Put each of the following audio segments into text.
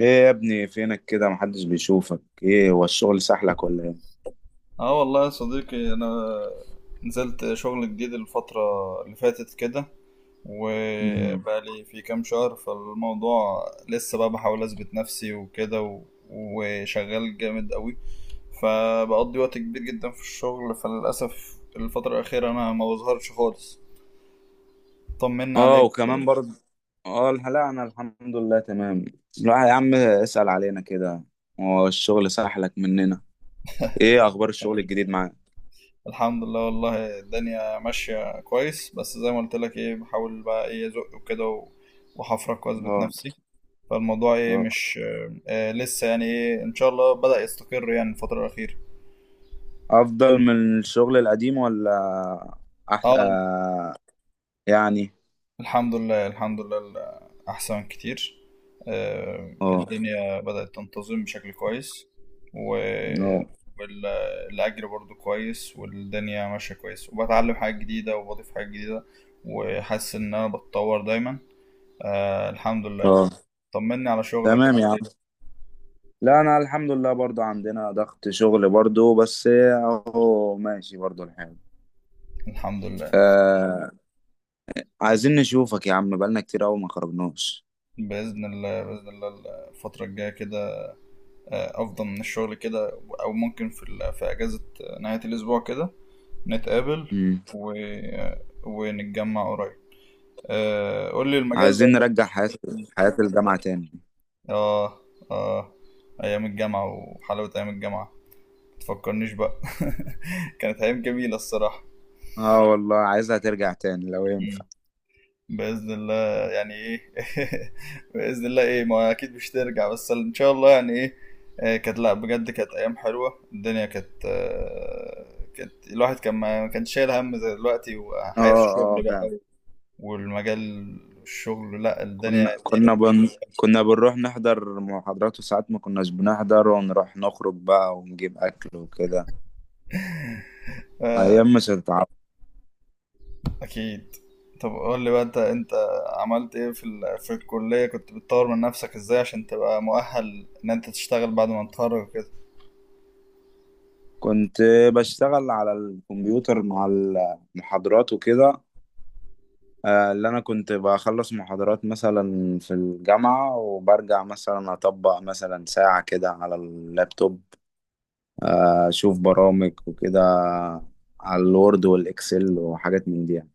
ايه يا ابني فينك كده؟ محدش بيشوفك. ايه هو الشغل سحلك ولا ايه؟ اه والله يا صديقي انا نزلت شغل جديد الفترة اللي فاتت كده، مم. وبقالي في كام شهر فالموضوع لسه بقى بحاول اثبت نفسي وكده وشغال جامد قوي، فبقضي وقت كبير جدا في الشغل، فللأسف الفترة الأخيرة أنا ما بظهرش خالص. طمنا اه، عليك. وكمان برضه. اه، لا انا الحمد لله تمام. لا يا عم، اسأل علينا كده. هو الشغل سحلك مننا؟ ايه اخبار الشغل الجديد معاك؟ الحمد لله والله الدنيا ماشية كويس، بس زي ما قلت لك ايه بحاول بقى ايه ازق وكده وحفرك واثبت اه، نفسي، فالموضوع ايه اه. مش آه لسه يعني ايه ان شاء الله بدأ يستقر يعني الفترة الأخيرة. افضل من الشغل القديم ولا؟ أح... اه آه يعني. الحمد لله الحمد لله احسن كتير. آه اه، الدنيا بدأت تنتظم بشكل كويس، و اه، والأجر برضو كويس والدنيا ماشية كويس، وبتعلم حاجات جديدة وبضيف حاجات جديدة، وحاسس إن أنا بتطور دايما. آه الحمد لله. اه، طمني على شغلك تمام يا عامل عم. إيه؟ لا انا الحمد لله برضه عندنا ضغط شغل برضه، بس اهو ماشي برضه الحال. الحمد لله آه، عايزين نشوفك يا عم، بقالنا كتير قوي ما خرجناش. بإذن الله بإذن الله الفترة الجاية كده افضى من الشغل كده، او ممكن في في اجازة نهاية الاسبوع كده نتقابل امم. و... ونتجمع قريب. آه، قول لي المجال بقى عايزين اللي نرجع انت حياة شغال فيه. حياة الجامعة تاني. اه اه ايام الجامعة وحلاوة ايام الجامعة، متفكرنيش بقى. كانت ايام جميلة الصراحة. اه والله، عايزها ترجع تاني لو ينفع. بإذن الله يعني إيه. بإذن الله إيه ما أكيد مش ترجع، بس إن شاء الله يعني إيه. كانت لأ بجد كانت أيام حلوة، الدنيا كانت كانت الواحد كان ما كانش شايل هم زي دلوقتي اه، وحياة الشغل اه فعلا. بقى، والمجال الشغل لأ الدنيا كنا كنا بن... كنا بنروح نحضر محاضرات، وساعات ما كناش بنحضر ونروح نخرج بقى ونجيب أكل وكده. آه، أيام مش هتتعوض. أكيد. طب قول لي بقى أنت عملت إيه في في الكلية، كنت بتطور من نفسك إزاي عشان تبقى مؤهل إن أنت تشتغل بعد ما تتخرج كده. كنت بشتغل على الكمبيوتر مع المحاضرات وكده. اللي انا كنت بخلص محاضرات مثلا في الجامعة وبرجع مثلا اطبق مثلا ساعة كده على اللابتوب. اشوف برامج وكده، على الوورد والاكسل وحاجات من دي يعني.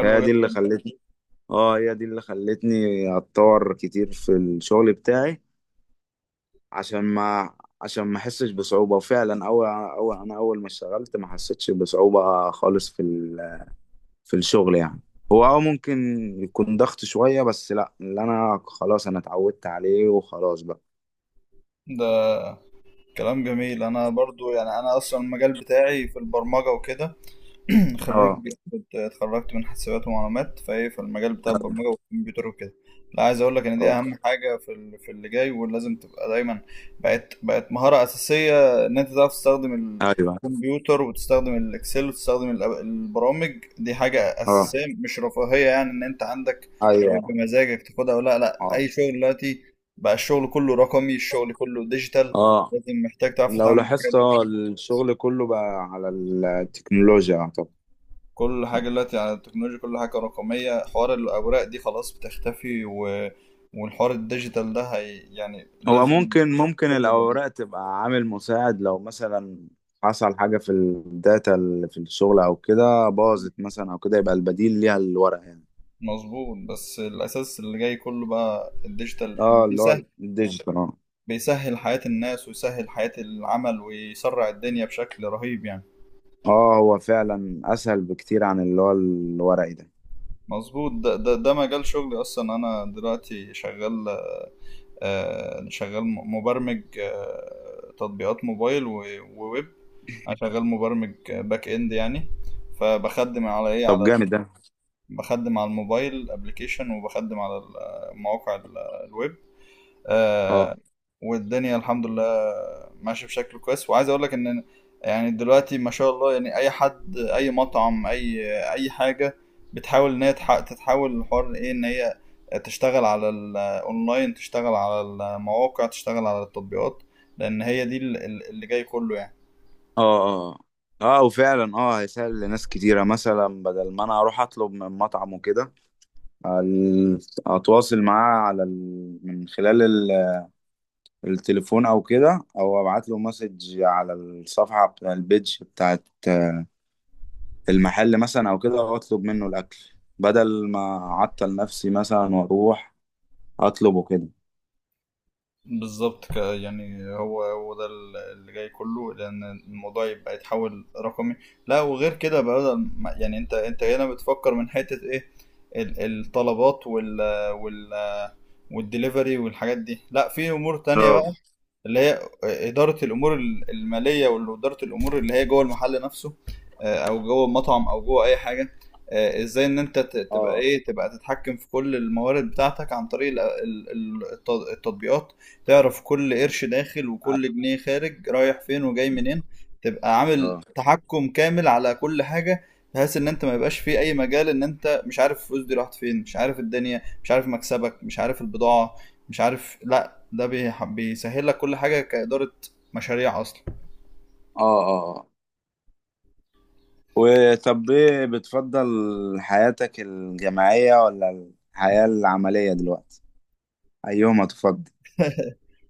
فهي دي اللي جدا. خلتني اه هي دي اللي خلتني اتطور كتير في الشغل بتاعي، عشان ما عشان ما احسش بصعوبة. وفعلا اول انا اول ما اشتغلت ما حسيتش بصعوبة خالص في الشغل يعني. هو ممكن يكون ضغط شوية، بس لا، اللي انا خلاص انا اتعودت عليه وخلاص بقى. ده كلام جميل. انا برضو يعني انا اصلا المجال بتاعي في البرمجة وكده. خريج اه، كنت اتخرجت من حاسبات ومعلومات، فايه في المجال بتاع البرمجه والكمبيوتر وكده. لا عايز اقول لك ان دي اه، اهم حاجه في في اللي جاي، ولازم تبقى دايما بقت مهاره اساسيه ان انت تعرف تستخدم ايوه، الكمبيوتر وتستخدم الاكسل وتستخدم البرامج دي، حاجه اه، اساسيه مش رفاهيه، يعني ان انت عندك ايوه، بمزاجك تاخدها ولا لا. اه، اي شغل دلوقتي بقى الشغل كله رقمي، الشغل كله ديجيتال، اه. لازم محتاج تعرف لو تتعامل مع لاحظت، الحاجات دي بشكل كويس. الشغل كله بقى على التكنولوجيا. طب كل حاجة دلوقتي على التكنولوجيا، كل حاجة رقمية، حوار الأوراق دي خلاص بتختفي والحوار الديجيتال ده هي يعني هو لازم ممكن كله يبقى الاوراق ديجيتال. تبقى عامل مساعد، لو مثلا حصل حاجة في الداتا اللي في الشغل او كده، باظت مثلا او كده، يبقى البديل ليها الورق يعني. مظبوط، بس الأساس اللي جاي كله بقى الديجيتال، اه، اللي هو بيسهل الديجيتال. بيسهل حياة الناس ويسهل حياة العمل ويسرع الدنيا بشكل رهيب يعني. اه، هو فعلا اسهل بكتير عن اللي هو الورقي ده. مظبوط. ده مجال شغلي أصلا. أنا دلوقتي شغال آه شغال مبرمج آه تطبيقات موبايل وويب. انا شغال مبرمج باك اند يعني، فبخدم على ايه طب على جامد ده. بخدم على الموبايل ابلكيشن، وبخدم على مواقع الويب. آه، اه، والدنيا الحمد لله ماشيه بشكل كويس. وعايز اقول لك ان يعني دلوقتي ما شاء الله يعني اي حد اي مطعم اي اي حاجه بتحاول ان هي تتحول الحوار ايه ان هي تشتغل على الاونلاين، تشتغل على المواقع، تشتغل على التطبيقات، لان هي دي اللي جاي كله يعني. اه، اه. اه، وفعلا هيسهل لناس كتيرة. مثلا بدل ما انا اروح اطلب من مطعم وكده، ال- اتواصل معاه على ال... من خلال ال... التليفون او كده، او ابعت له مسج على الصفحة بتاع البيج بتاعت المحل مثلا او كده، واطلب منه الاكل، بدل ما اعطل نفسي مثلا واروح اطلبه كده. بالظبط. يعني هو ده اللي جاي كله، لان الموضوع يبقى يتحول رقمي. لا وغير كده بقى، بدل يعني انت هنا بتفكر من حتة ايه الطلبات وال وال والدليفري والحاجات دي، لا في امور تانية اه، بقى اللي هي إدارة الأمور المالية، وإدارة الأمور اللي هي جوه المحل نفسه، آه، أو جوه المطعم أو جوه أي حاجة. آه، إزاي إن أنت تبقى اه، إيه تبقى تتحكم في كل الموارد بتاعتك عن طريق التطبيقات. تعرف كل قرش داخل وكل جنيه خارج رايح فين وجاي منين، تبقى عامل اه، تحكم كامل على كل حاجة، بحيث إن أنت ما يبقاش في أي مجال إن أنت مش عارف الفلوس دي راحت فين، مش عارف الدنيا، مش عارف مكسبك، مش عارف البضاعة، مش عارف، لا ده بيسهل لك كل حاجة كإدارة مشاريع أصلا. اه، اه، اه. وطب ايه بتفضل، حياتك الجامعية ولا الحياة العملية دلوقتي؟ أيهما تفضل؟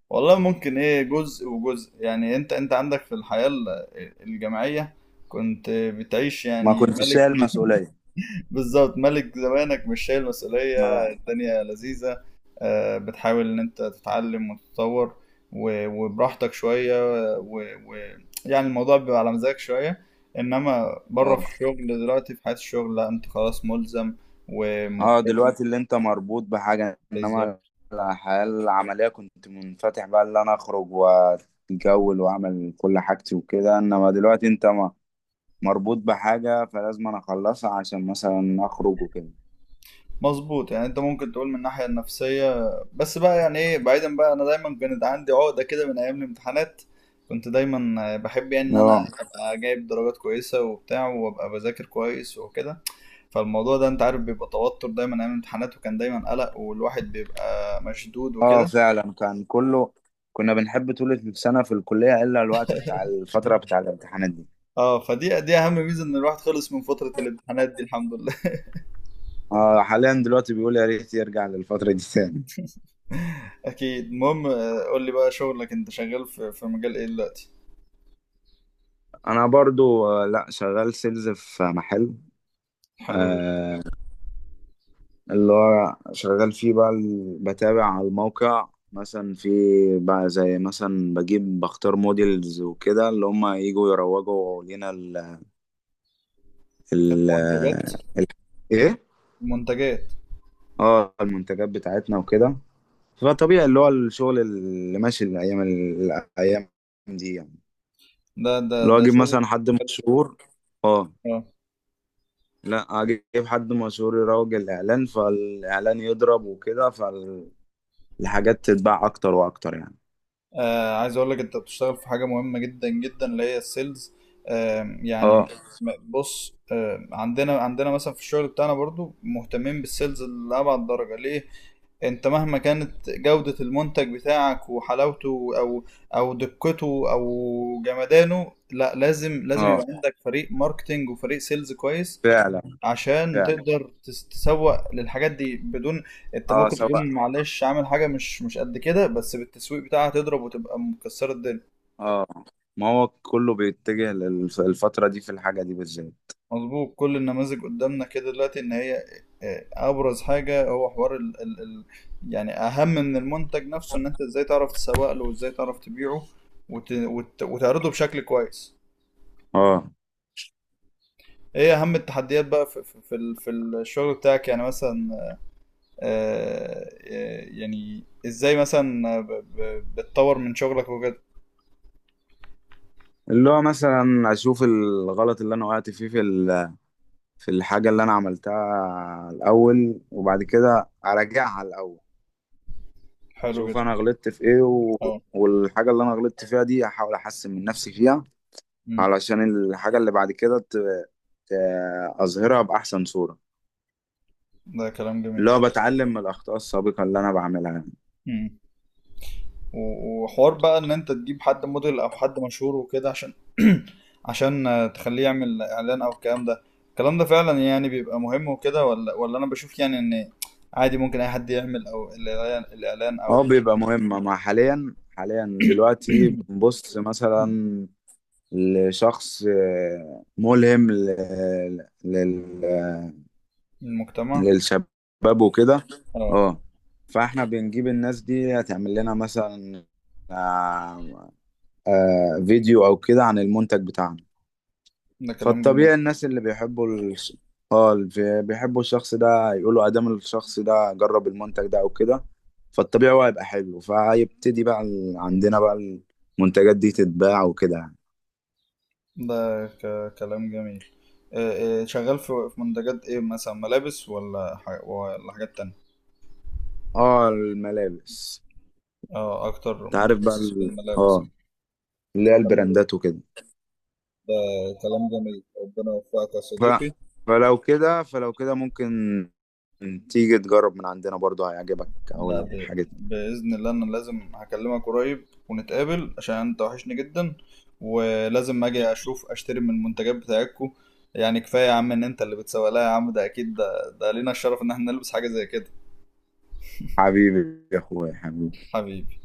والله ممكن إيه جزء وجزء، يعني أنت عندك في الحياة الجامعية كنت بتعيش ما يعني كنتش ملك. شايل مسؤولية. بالظبط ملك زمانك، مش شايل مسؤولية، اه، الدنيا لذيذة. آه، بتحاول إن أنت تتعلم وتتطور وبراحتك شوية، ويعني الموضوع بيبقى على مزاجك شوية. إنما بره في اه، الشغل دلوقتي، في حياة الشغل لا أنت خلاص ملزم اه. ومضطر. دلوقتي اللي انت مربوط بحاجة، انما الحياة العملية كنت منفتح بقى، اللي انا اخرج واتجول واعمل كل حاجتي وكده، انما دلوقتي انت ما مربوط بحاجة، فلازم انا اخلصها عشان مثلا اخرج وكده. مظبوط. يعني انت ممكن تقول من الناحية النفسية، بس بقى يعني ايه بعيدا بقى، انا دايما كانت عندي عقدة كده من ايام الامتحانات. كنت دايما بحب يعني ان انا اه، ابقى جايب درجات كويسة وبتاع، وابقى بذاكر كويس وكده. فالموضوع ده انت عارف بيبقى توتر دايما ايام الامتحانات، وكان دايما قلق والواحد بيبقى مشدود اه وكده. فعلا، كان كله. كنا بنحب طول السنة في الكلية، إلا الوقت بتاع الفترة بتاع الامتحانات دي. اه فدي دي اهم ميزة ان الواحد خلص من فترة الامتحانات دي الحمد لله. اه، حاليا دلوقتي بيقول يا ريت يرجع للفترة دي تاني. اكيد. المهم آه، قول لي بقى شغلك انت شغال في في مجال ايه دلوقتي؟ أنا برضو، لا، شغال سيلز في محل. حلو جدا. آه اللي هو شغال فيه بقى، بتابع على الموقع مثلا. في بقى زي مثلا بجيب بختار موديلز وكده، اللي هم يجوا يروجوا لنا ال ال المنتجات. ال- ايه المنتجات. اه المنتجات بتاعتنا وكده. فطبيعي اللي هو الشغل اللي ماشي الايام الايام دي يعني. ده ده لو ده اجيب شغل مثلا حد حلو. مشهور. اه. اه لا، اجيب حد مشهور يروج الاعلان، فالاعلان يضرب وكده، فالحاجات تتباع اكتر واكتر يعني. آه، عايز اقول لك انت بتشتغل في حاجه مهمه جدا جدا، اللي هي السيلز. آه يعني اه، بص آه عندنا مثلا في الشغل بتاعنا برضو مهتمين بالسيلز لابعد درجه، ليه؟ انت مهما كانت جوده المنتج بتاعك وحلاوته او او دقته او جمدانه، لا لازم لازم اه يبقى عندك فريق ماركتينج وفريق سيلز كويس، فعلا. عشان فعلا، تقدر تسوق للحاجات دي. بدون انت اه. ممكن سواء، تكون معلش عامل حاجه مش قد كده، بس بالتسويق بتاعها تضرب وتبقى مكسره الدنيا. اه. ما هو كله بيتجه للفترة دي في الحاجة دي بالذات. مظبوط، كل النماذج قدامنا كده دلوقتي ان هي اه، ابرز حاجه هو حوار ال يعني اهم من المنتج نفسه ان انت ازاي تعرف تسوق له، وازاي تعرف تبيعه وت وتعرضه بشكل كويس. اه، ايه اهم التحديات بقى في في في الشغل بتاعك يعني؟ مثلا آه، آه، يعني ازاي مثلا بتطور من شغلك وكده. اللي هو مثلا اشوف الغلط اللي انا وقعت فيه، في الحاجة اللي أنا عملتها الأول، وبعد كده أراجعها الأول، حلو شوف جدا. أنا غلطت في إيه، اه. والحاجة اللي أنا غلطت فيها دي أحاول أحسن من نفسي فيها، مم. علشان الحاجة اللي بعد كده ت... أظهرها بأحسن صورة. ده كلام جميل. اللي هو بتعلم من الأخطاء السابقة اللي أنا بعملها يعني. مم. وحوار بقى ان انت تجيب حد موديل او حد مشهور وكده، عشان عشان آه، تخليه يعمل اعلان او الكلام ده، الكلام ده فعلا يعني بيبقى مهم وكده، ولا انا بشوف يعني ان عادي ممكن اي حد يعمل او الاعلان الإعلان أه، او بيبقى مهمة. مع حاليا حاليا دلوقتي بنبص مثلا لشخص، ملهم لل... المجتمع. للشباب وكده. اه اه. فاحنا بنجيب الناس دي هتعمل لنا مثلا آه، فيديو او كده عن المنتج بتاعنا. ده كلام جميل. فالطبيعي الناس اللي بيحبوا الش... اه اللي بيحبوا الشخص ده يقولوا، ادام الشخص ده جرب المنتج ده او كده، فالطبيعي هو هيبقى حلو، فهيبتدي بقى عندنا بقى المنتجات دي تتباع وكده يعني. ده كلام جميل. آه، آه، شغال في في منتجات ايه مثلا؟ ملابس ولا حاجات تانية؟ اه، الملابس. اه اكتر انت عارف بقى متخصص في ال... الملابس. اه اللي هي حلو. البراندات وكده. ده كلام جميل. ربنا يوفقك يا ف... صديقي. فلو كده ممكن تيجي تجرب من عندنا برضو، هيعجبك. لا أول حاجة. بإذن الله انا لازم هكلمك قريب ونتقابل عشان انت وحشني جدا، ولازم اجي اشوف اشتري من المنتجات بتاعتكم. يعني كفاية يا عم ان انت اللي بتسوق لها يا عم، ده اكيد ده لينا الشرف ان احنا نلبس حاجة زي كده. حبيبي يا أخويا، حبيبي. حبيبي.